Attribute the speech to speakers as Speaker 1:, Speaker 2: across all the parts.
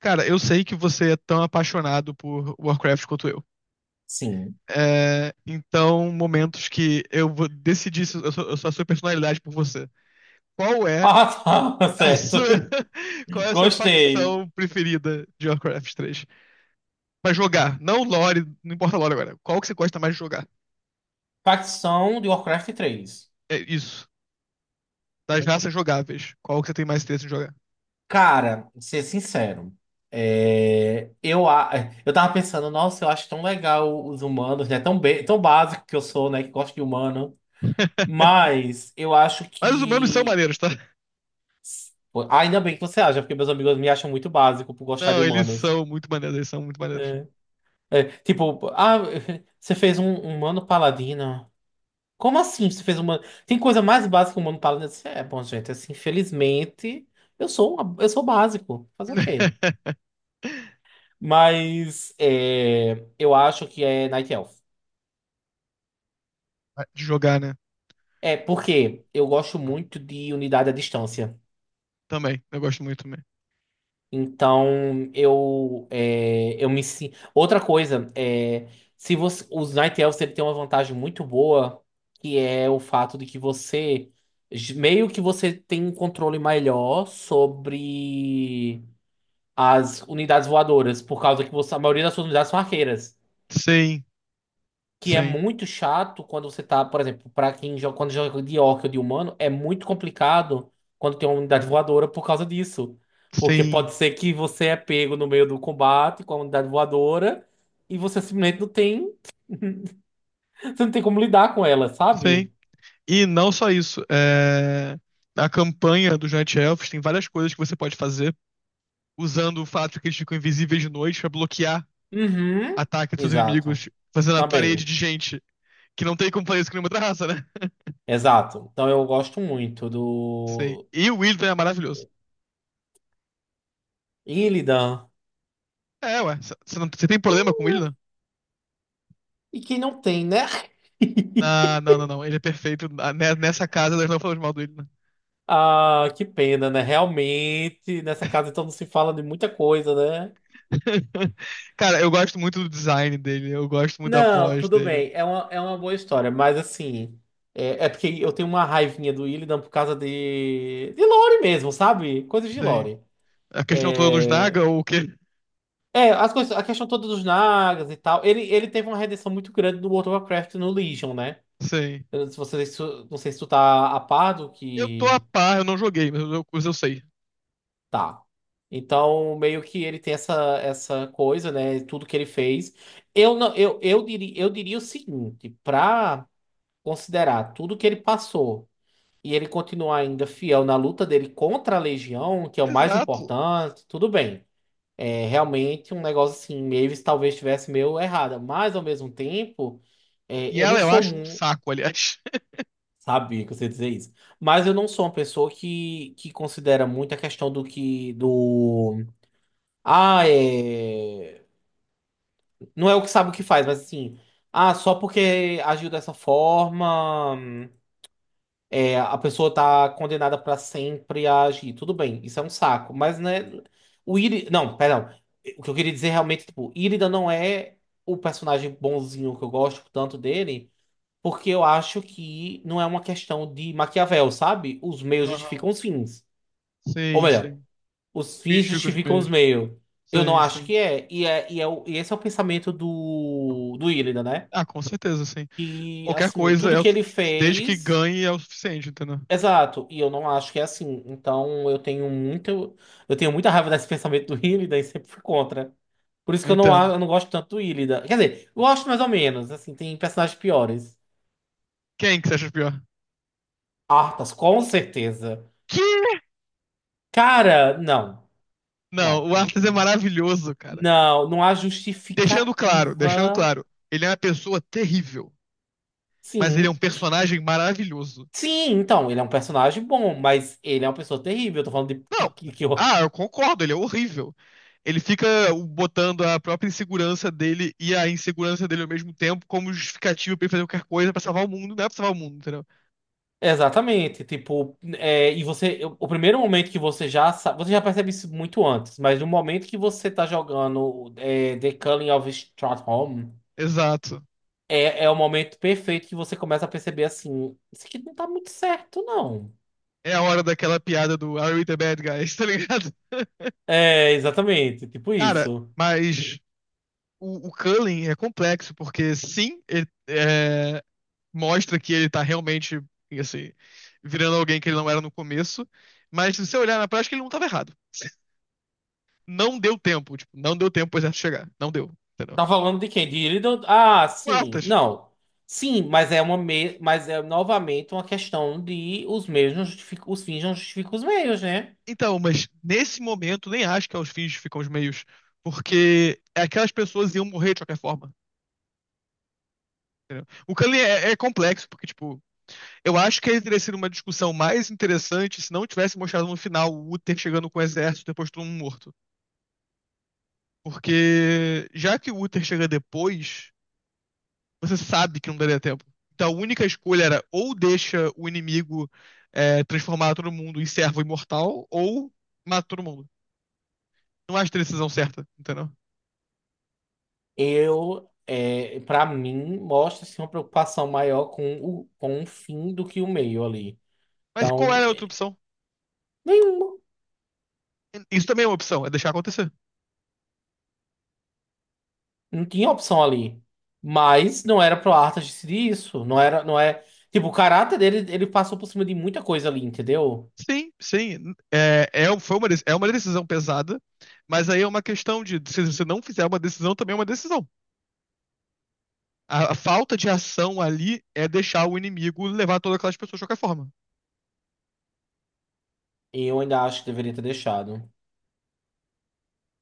Speaker 1: Cara, eu sei que você é tão apaixonado por Warcraft quanto eu.
Speaker 2: Sim.
Speaker 1: É, então, momentos que eu vou decidir se eu sou, a sua personalidade por você. Qual é
Speaker 2: Ah, tá,
Speaker 1: a sua,
Speaker 2: certo.
Speaker 1: qual é a sua
Speaker 2: Gostei.
Speaker 1: facção preferida de Warcraft 3? Pra jogar, não lore, não importa lore agora. Qual que você gosta mais de jogar?
Speaker 2: Facção de Warcraft três.
Speaker 1: É isso. Das raças jogáveis, qual que você tem mais interesse em jogar?
Speaker 2: Cara, ser sincero, é, eu, a- eu tava pensando, nossa, eu acho tão legal os humanos, né? Tão, tão básico que eu sou, né? Que gosto de humano. Mas eu acho
Speaker 1: Mas os humanos são
Speaker 2: que.
Speaker 1: maneiros, tá?
Speaker 2: Pô, ainda bem que você acha, porque meus amigos me acham muito básico por gostar de
Speaker 1: Não, eles
Speaker 2: humanos.
Speaker 1: são muito maneiros, eles são muito maneiros.
Speaker 2: É. É, tipo, ah, você fez um humano paladino. Como assim você fez humano? Tem coisa mais básica que o humano para. Nesse. É, bom, gente, assim, infelizmente, eu sou básico. Fazer o quê? Mas é, eu acho que é Night Elf.
Speaker 1: De jogar, né?
Speaker 2: É, porque eu gosto muito de unidade à distância.
Speaker 1: Também, eu gosto muito também.
Speaker 2: Então, eu me sinto. Outra coisa, é, se você, os Night Elves ele tem uma vantagem muito boa, que é o fato de que você. Meio que você tem um controle melhor sobre. As unidades voadoras, por causa a maioria das suas unidades são arqueiras.
Speaker 1: Sim,
Speaker 2: Que é
Speaker 1: sim,
Speaker 2: muito chato quando você tá, por exemplo, pra quem joga, quando joga de orc ou de humano, é muito complicado quando tem uma unidade voadora por causa disso. Porque
Speaker 1: sim,
Speaker 2: pode ser que você é pego no meio do combate com a unidade voadora e você simplesmente não tem, você não tem como lidar com ela,
Speaker 1: sim.
Speaker 2: sabe?
Speaker 1: E não só isso, é... a campanha dos Night Elves tem várias coisas que você pode fazer usando o fato de que eles ficam invisíveis de noite pra bloquear
Speaker 2: Uhum.
Speaker 1: ataques dos
Speaker 2: Exato.
Speaker 1: inimigos, fazendo a parede
Speaker 2: Também.
Speaker 1: de gente que não tem como fazer isso com nenhuma outra raça, né?
Speaker 2: Exato. Então eu gosto muito
Speaker 1: Sim.
Speaker 2: do
Speaker 1: E o Illidan é maravilhoso.
Speaker 2: Illidan.
Speaker 1: É, ué, você não... cê tem problema com o Illidan?
Speaker 2: E quem não tem, né?
Speaker 1: Ah, não, não, não, ele é perfeito. Ah, nessa casa nós não falamos mal do Illidan.
Speaker 2: Ah, que pena, né? Realmente, nessa casa então não se fala de muita coisa, né?
Speaker 1: Cara, eu gosto muito do design dele, eu gosto muito da
Speaker 2: Não,
Speaker 1: voz
Speaker 2: tudo
Speaker 1: dele.
Speaker 2: bem, é uma boa história, mas assim, é porque eu tenho uma raivinha do Illidan por causa de lore mesmo, sabe? Coisas de
Speaker 1: Sim.
Speaker 2: lore.
Speaker 1: A questão toda dos
Speaker 2: É,
Speaker 1: Naga ou o quê?
Speaker 2: é as coisas, a questão toda dos Nagas e tal, ele teve uma redenção muito grande no World of Warcraft e no Legion, né?
Speaker 1: Sim.
Speaker 2: Eu não sei se você, se tu- não sei se tu tá a par do
Speaker 1: Eu tô
Speaker 2: que.
Speaker 1: a par, eu não joguei, mas eu sei.
Speaker 2: Tá. Então, meio que ele tem essa, essa coisa, né? Tudo que ele fez. Eu não, eu diria o seguinte, para considerar tudo que ele passou e ele continuar ainda fiel na luta dele contra a Legião, que é o mais
Speaker 1: Exato.
Speaker 2: importante, tudo bem. É realmente um negócio assim, Mavis talvez estivesse meio errada, mas ao mesmo tempo, é,
Speaker 1: E
Speaker 2: eu
Speaker 1: ela,
Speaker 2: não
Speaker 1: eu
Speaker 2: sou
Speaker 1: acho, um
Speaker 2: um,
Speaker 1: saco, aliás.
Speaker 2: sabe, que você dizer isso, mas eu não sou uma pessoa que considera muito a questão do que do. Ah, é. Não é o que sabe o que faz, mas assim. Ah, só porque agiu dessa forma, a pessoa tá condenada pra sempre a agir. Tudo bem, isso é um saco. Mas, né? O Iri. Não, perdão. O que eu queria dizer realmente, tipo, Irida não é o personagem bonzinho que eu gosto tanto dele, porque eu acho que não é uma questão de Maquiavel, sabe? Os meios
Speaker 1: Aham.
Speaker 2: justificam os fins. Ou
Speaker 1: Sim,
Speaker 2: melhor.
Speaker 1: sim.
Speaker 2: Os
Speaker 1: Fiz
Speaker 2: fins
Speaker 1: fico os
Speaker 2: justificam os
Speaker 1: meus.
Speaker 2: meios. Eu não
Speaker 1: Sim,
Speaker 2: acho
Speaker 1: sim.
Speaker 2: que é. E esse é o pensamento do Illidan, né?
Speaker 1: Ah, com certeza, sim.
Speaker 2: E
Speaker 1: Qualquer
Speaker 2: assim,
Speaker 1: coisa,
Speaker 2: tudo
Speaker 1: é o,
Speaker 2: que ele
Speaker 1: desde que
Speaker 2: fez.
Speaker 1: ganhe, é o suficiente, entendeu?
Speaker 2: Exato. E eu não acho que é assim. Então eu tenho muito. Eu tenho muita raiva desse pensamento do Illidan e sempre fui contra. Por isso que
Speaker 1: Eu entendo.
Speaker 2: eu não gosto tanto do Illidan. Quer dizer, eu gosto mais ou menos. Assim, tem personagens piores.
Speaker 1: Quem que você acha pior?
Speaker 2: Arthas, com certeza.
Speaker 1: Que?
Speaker 2: Cara, não.
Speaker 1: Não,
Speaker 2: Não,
Speaker 1: o
Speaker 2: não
Speaker 1: Arthur é
Speaker 2: tem.
Speaker 1: maravilhoso, cara.
Speaker 2: Não, não há
Speaker 1: Deixando claro, deixando
Speaker 2: justificativa.
Speaker 1: claro. Ele é uma pessoa terrível, mas ele é um
Speaker 2: Sim.
Speaker 1: personagem maravilhoso.
Speaker 2: Sim, então, ele é um personagem bom, mas ele é uma pessoa terrível. Eu tô falando de
Speaker 1: Não.
Speaker 2: que eu-
Speaker 1: Ah, eu concordo, ele é horrível. Ele fica botando a própria insegurança dele e a insegurança dele ao mesmo tempo como justificativa pra ele fazer qualquer coisa pra salvar o mundo. Não é pra salvar o mundo, entendeu?
Speaker 2: Exatamente, tipo, é, e você, o primeiro momento que você já sabe, você já percebe isso muito antes, mas no momento que você tá jogando é, The Culling of Stratholme,
Speaker 1: Exato.
Speaker 2: é o momento perfeito que você começa a perceber assim, isso aqui não tá muito certo, não.
Speaker 1: É a hora daquela piada do Are we the bad guys, tá ligado?
Speaker 2: É, exatamente, tipo
Speaker 1: Cara,
Speaker 2: isso.
Speaker 1: mas o Cullen é complexo, porque sim, ele é, mostra que ele tá realmente, assim, virando alguém que ele não era no começo, mas se você olhar na prática, ele não tava errado. Não deu tempo, tipo, não deu tempo pro exército chegar. Não deu, entendeu?
Speaker 2: Tá falando de quem? De Illidan? Ah, sim.
Speaker 1: Quartas.
Speaker 2: Não. Sim, mas é uma me... mas é novamente uma questão de os meios não justificam, os fins não justificam os meios, né?
Speaker 1: Então, mas nesse momento, nem acho que é os fins ficam os meios, porque aquelas pessoas iam morrer de qualquer forma. Entendeu? O Kali é, é complexo, porque, tipo, eu acho que ele teria sido uma discussão mais interessante se não tivesse mostrado no final o Uther chegando com o exército depois de todo mundo morto. Porque já que o Uther chega depois, você sabe que não daria tempo. Então a única escolha era ou deixa o inimigo é, transformar todo mundo em servo imortal, ou mata todo mundo. Não acho a decisão certa, entendeu?
Speaker 2: Eu, é, para mim, mostra-se uma preocupação maior com com o fim do que o meio ali.
Speaker 1: Mas
Speaker 2: Então,
Speaker 1: qual era a outra opção?
Speaker 2: nenhuma.
Speaker 1: Isso também é uma opção, é deixar acontecer.
Speaker 2: Não tinha opção ali. Mas não era pro Arthur decidir isso. Não era, não é. Tipo, o caráter dele, ele passou por cima de muita coisa ali, entendeu?
Speaker 1: Sim, sim. É, é, foi uma, é uma decisão pesada, mas aí é uma questão de se você não fizer uma decisão, também é uma decisão. A falta de ação ali é deixar o inimigo levar todas aquelas pessoas de qualquer forma.
Speaker 2: E eu ainda acho que deveria ter deixado.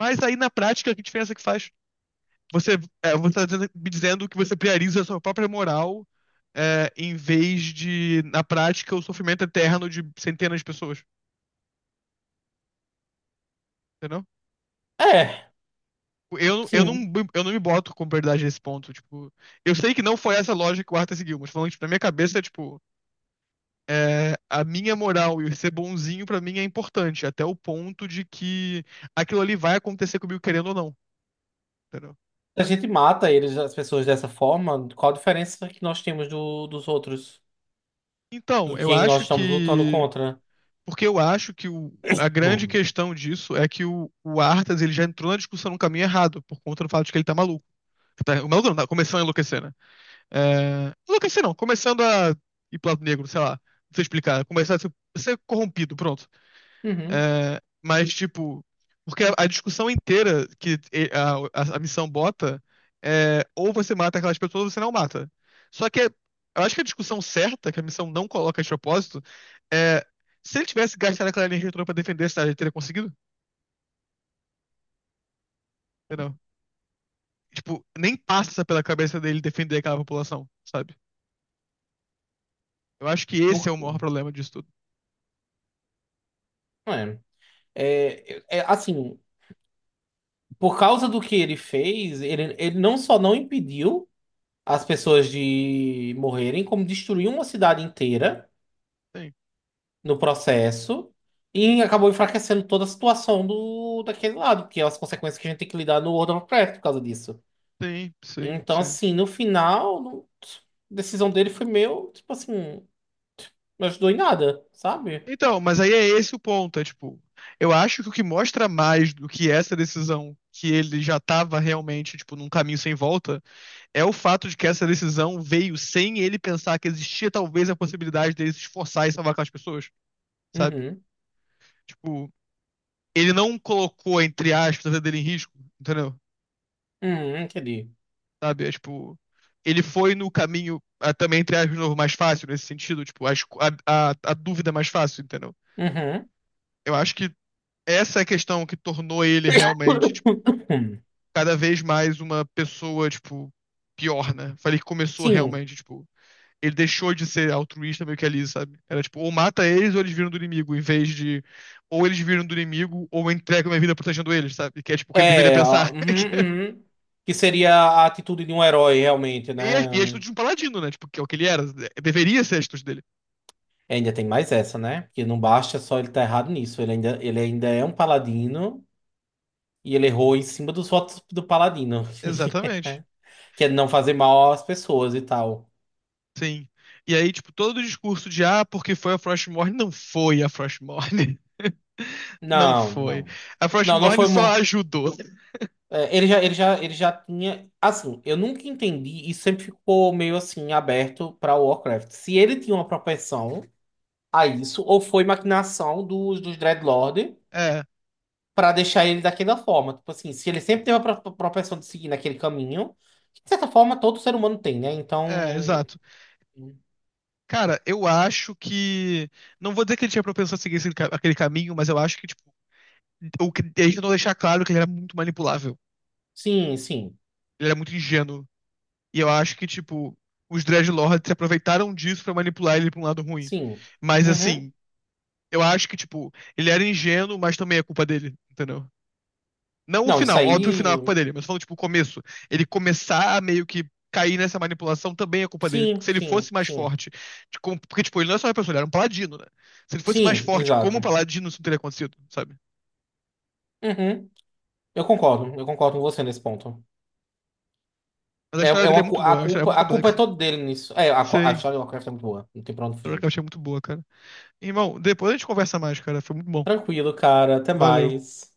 Speaker 1: Mas aí na prática, que diferença que faz? Você, é, me dizendo que você prioriza a sua própria moral, é, em vez de, na prática, o sofrimento eterno de centenas de pessoas, entendeu?
Speaker 2: É,
Speaker 1: Eu,
Speaker 2: sim.
Speaker 1: não, eu não me boto com prioridade nesse ponto, tipo... Eu sei que não foi essa lógica que o Arthur seguiu, mas falando, tipo, na minha cabeça, tipo... é, a minha moral e ser bonzinho pra mim é importante, até o ponto de que aquilo ali vai acontecer comigo querendo ou não, entendeu?
Speaker 2: A gente mata eles, as pessoas dessa forma. Qual a diferença que nós temos dos outros?
Speaker 1: Então,
Speaker 2: Do
Speaker 1: eu
Speaker 2: que nós
Speaker 1: acho
Speaker 2: estamos lutando
Speaker 1: que
Speaker 2: contra?
Speaker 1: porque eu acho que a grande
Speaker 2: Hum.
Speaker 1: questão disso é que o Arthas ele já entrou na discussão num caminho errado, por conta do fato de que ele tá maluco. O maluco não, tá começando a enlouquecer, né? É, enlouquecer não, começando a ir pro lado negro, sei lá, não sei explicar, começar a ser, ser corrompido, pronto.
Speaker 2: Uhum.
Speaker 1: É, mas, tipo, porque a discussão inteira a missão bota é ou você mata aquelas pessoas ou você não mata. Só que é, eu acho que a discussão certa, que a missão não coloca de propósito, é se ele tivesse gastado aquela energia toda pra defender a cidade, ele teria conseguido? Entendeu? Tipo, nem passa pela cabeça dele defender aquela população, sabe? Eu acho que esse é
Speaker 2: Não,
Speaker 1: o maior problema disso tudo.
Speaker 2: não é. Assim, por causa do que ele fez, ele não só não impediu as pessoas de morrerem, como destruiu uma cidade inteira
Speaker 1: Sim,
Speaker 2: no processo e acabou enfraquecendo toda a situação daquele lado, que é as consequências que a gente tem que lidar no World of Warcraft por causa disso.
Speaker 1: sim, sim,
Speaker 2: Então,
Speaker 1: sim.
Speaker 2: assim, no final, não- a decisão dele foi meio, tipo assim, não ajudou em nada, sabe?
Speaker 1: Então, mas aí é esse o ponto, é tipo, eu acho que o que mostra mais do que essa decisão que ele já tava realmente, tipo, num caminho sem volta, é o fato de que essa decisão veio sem ele pensar que existia talvez a possibilidade dele se esforçar e salvar aquelas pessoas, sabe?
Speaker 2: Uhum,
Speaker 1: Tipo, ele não colocou, entre aspas, a vida dele em risco, entendeu?
Speaker 2: uhum, entendi.
Speaker 1: Sabe? É tipo, ele foi no caminho, ah, também, entre aspas, de novo, mais fácil nesse sentido, tipo, a, a, a dúvida é mais fácil, entendeu?
Speaker 2: Uhum.
Speaker 1: Eu acho que essa é a questão que tornou ele realmente,
Speaker 2: Hum,
Speaker 1: cada vez mais uma pessoa, tipo, pior, né? Falei que começou
Speaker 2: sim,
Speaker 1: realmente, tipo, ele deixou de ser altruísta meio que ali, sabe? Era tipo, ou mata eles ou eles viram do inimigo, em vez de ou eles viram do inimigo ou eu entrego minha vida protegendo eles, sabe? Que é tipo o que ele deveria
Speaker 2: é, ó,
Speaker 1: pensar.
Speaker 2: uhum, uhum. Que seria a atitude de um herói, realmente,
Speaker 1: E a
Speaker 2: né?
Speaker 1: atitude de um paladino, né? Tipo, que é o que ele era. Né? Deveria ser a atitude dele.
Speaker 2: Ainda tem mais essa, né? Porque não basta só ele estar errado nisso, ele ainda é um paladino e ele errou em cima dos votos do paladino,
Speaker 1: Exatamente.
Speaker 2: que é não fazer mal às pessoas e tal.
Speaker 1: Sim. E aí, tipo, todo o discurso de ah, porque foi a Frostmourne, não foi a Frostmourne. Não
Speaker 2: Não,
Speaker 1: foi.
Speaker 2: não.
Speaker 1: A
Speaker 2: Não, não
Speaker 1: Frostmourne
Speaker 2: foi.
Speaker 1: só ajudou.
Speaker 2: É, ele já tinha. Assim, eu nunca entendi e sempre ficou meio assim aberto para Warcraft. Se ele tinha uma propensão a isso, ou foi maquinação dos Dreadlord
Speaker 1: É,
Speaker 2: para deixar ele daquela forma. Tipo assim, se ele sempre teve a propensão de seguir naquele caminho, que de certa forma todo ser humano tem, né? Então,
Speaker 1: é, exato. Cara, eu acho que. Não vou dizer que ele tinha propensão a seguir esse aquele caminho, mas eu acho que, tipo, o que a gente não deixar claro que ele era muito manipulável.
Speaker 2: sim, sim,
Speaker 1: Ele era muito ingênuo. E eu acho que, tipo, os Dreadlords se aproveitaram disso pra manipular ele pra um lado ruim.
Speaker 2: sim.
Speaker 1: Mas,
Speaker 2: Uhum.
Speaker 1: assim, eu acho que, tipo, ele era ingênuo, mas também é culpa dele, entendeu? Não o
Speaker 2: Não, isso
Speaker 1: final, óbvio, o final é culpa
Speaker 2: aí.
Speaker 1: dele, mas falando, tipo, o começo. Ele começar a meio que cair nessa manipulação também é culpa dele. Porque
Speaker 2: Sim,
Speaker 1: se ele
Speaker 2: sim,
Speaker 1: fosse mais
Speaker 2: sim.
Speaker 1: forte, porque, tipo, ele não é só uma pessoa, ele era um paladino, né? Se ele fosse mais
Speaker 2: Sim,
Speaker 1: forte como um
Speaker 2: exato.
Speaker 1: paladino, isso não teria acontecido, sabe?
Speaker 2: Uhum. Eu concordo com você nesse ponto.
Speaker 1: Mas a história dele é muito boa, é uma história muito
Speaker 2: A culpa é
Speaker 1: complexa.
Speaker 2: toda dele nisso. A
Speaker 1: Sei, a
Speaker 2: história de Lovecraft é muito boa. Não tem pra onde
Speaker 1: história que
Speaker 2: fugir.
Speaker 1: eu achei muito boa, cara. Irmão, depois a gente conversa mais, cara. Foi muito bom.
Speaker 2: Tranquilo, cara. Até
Speaker 1: Valeu.
Speaker 2: mais.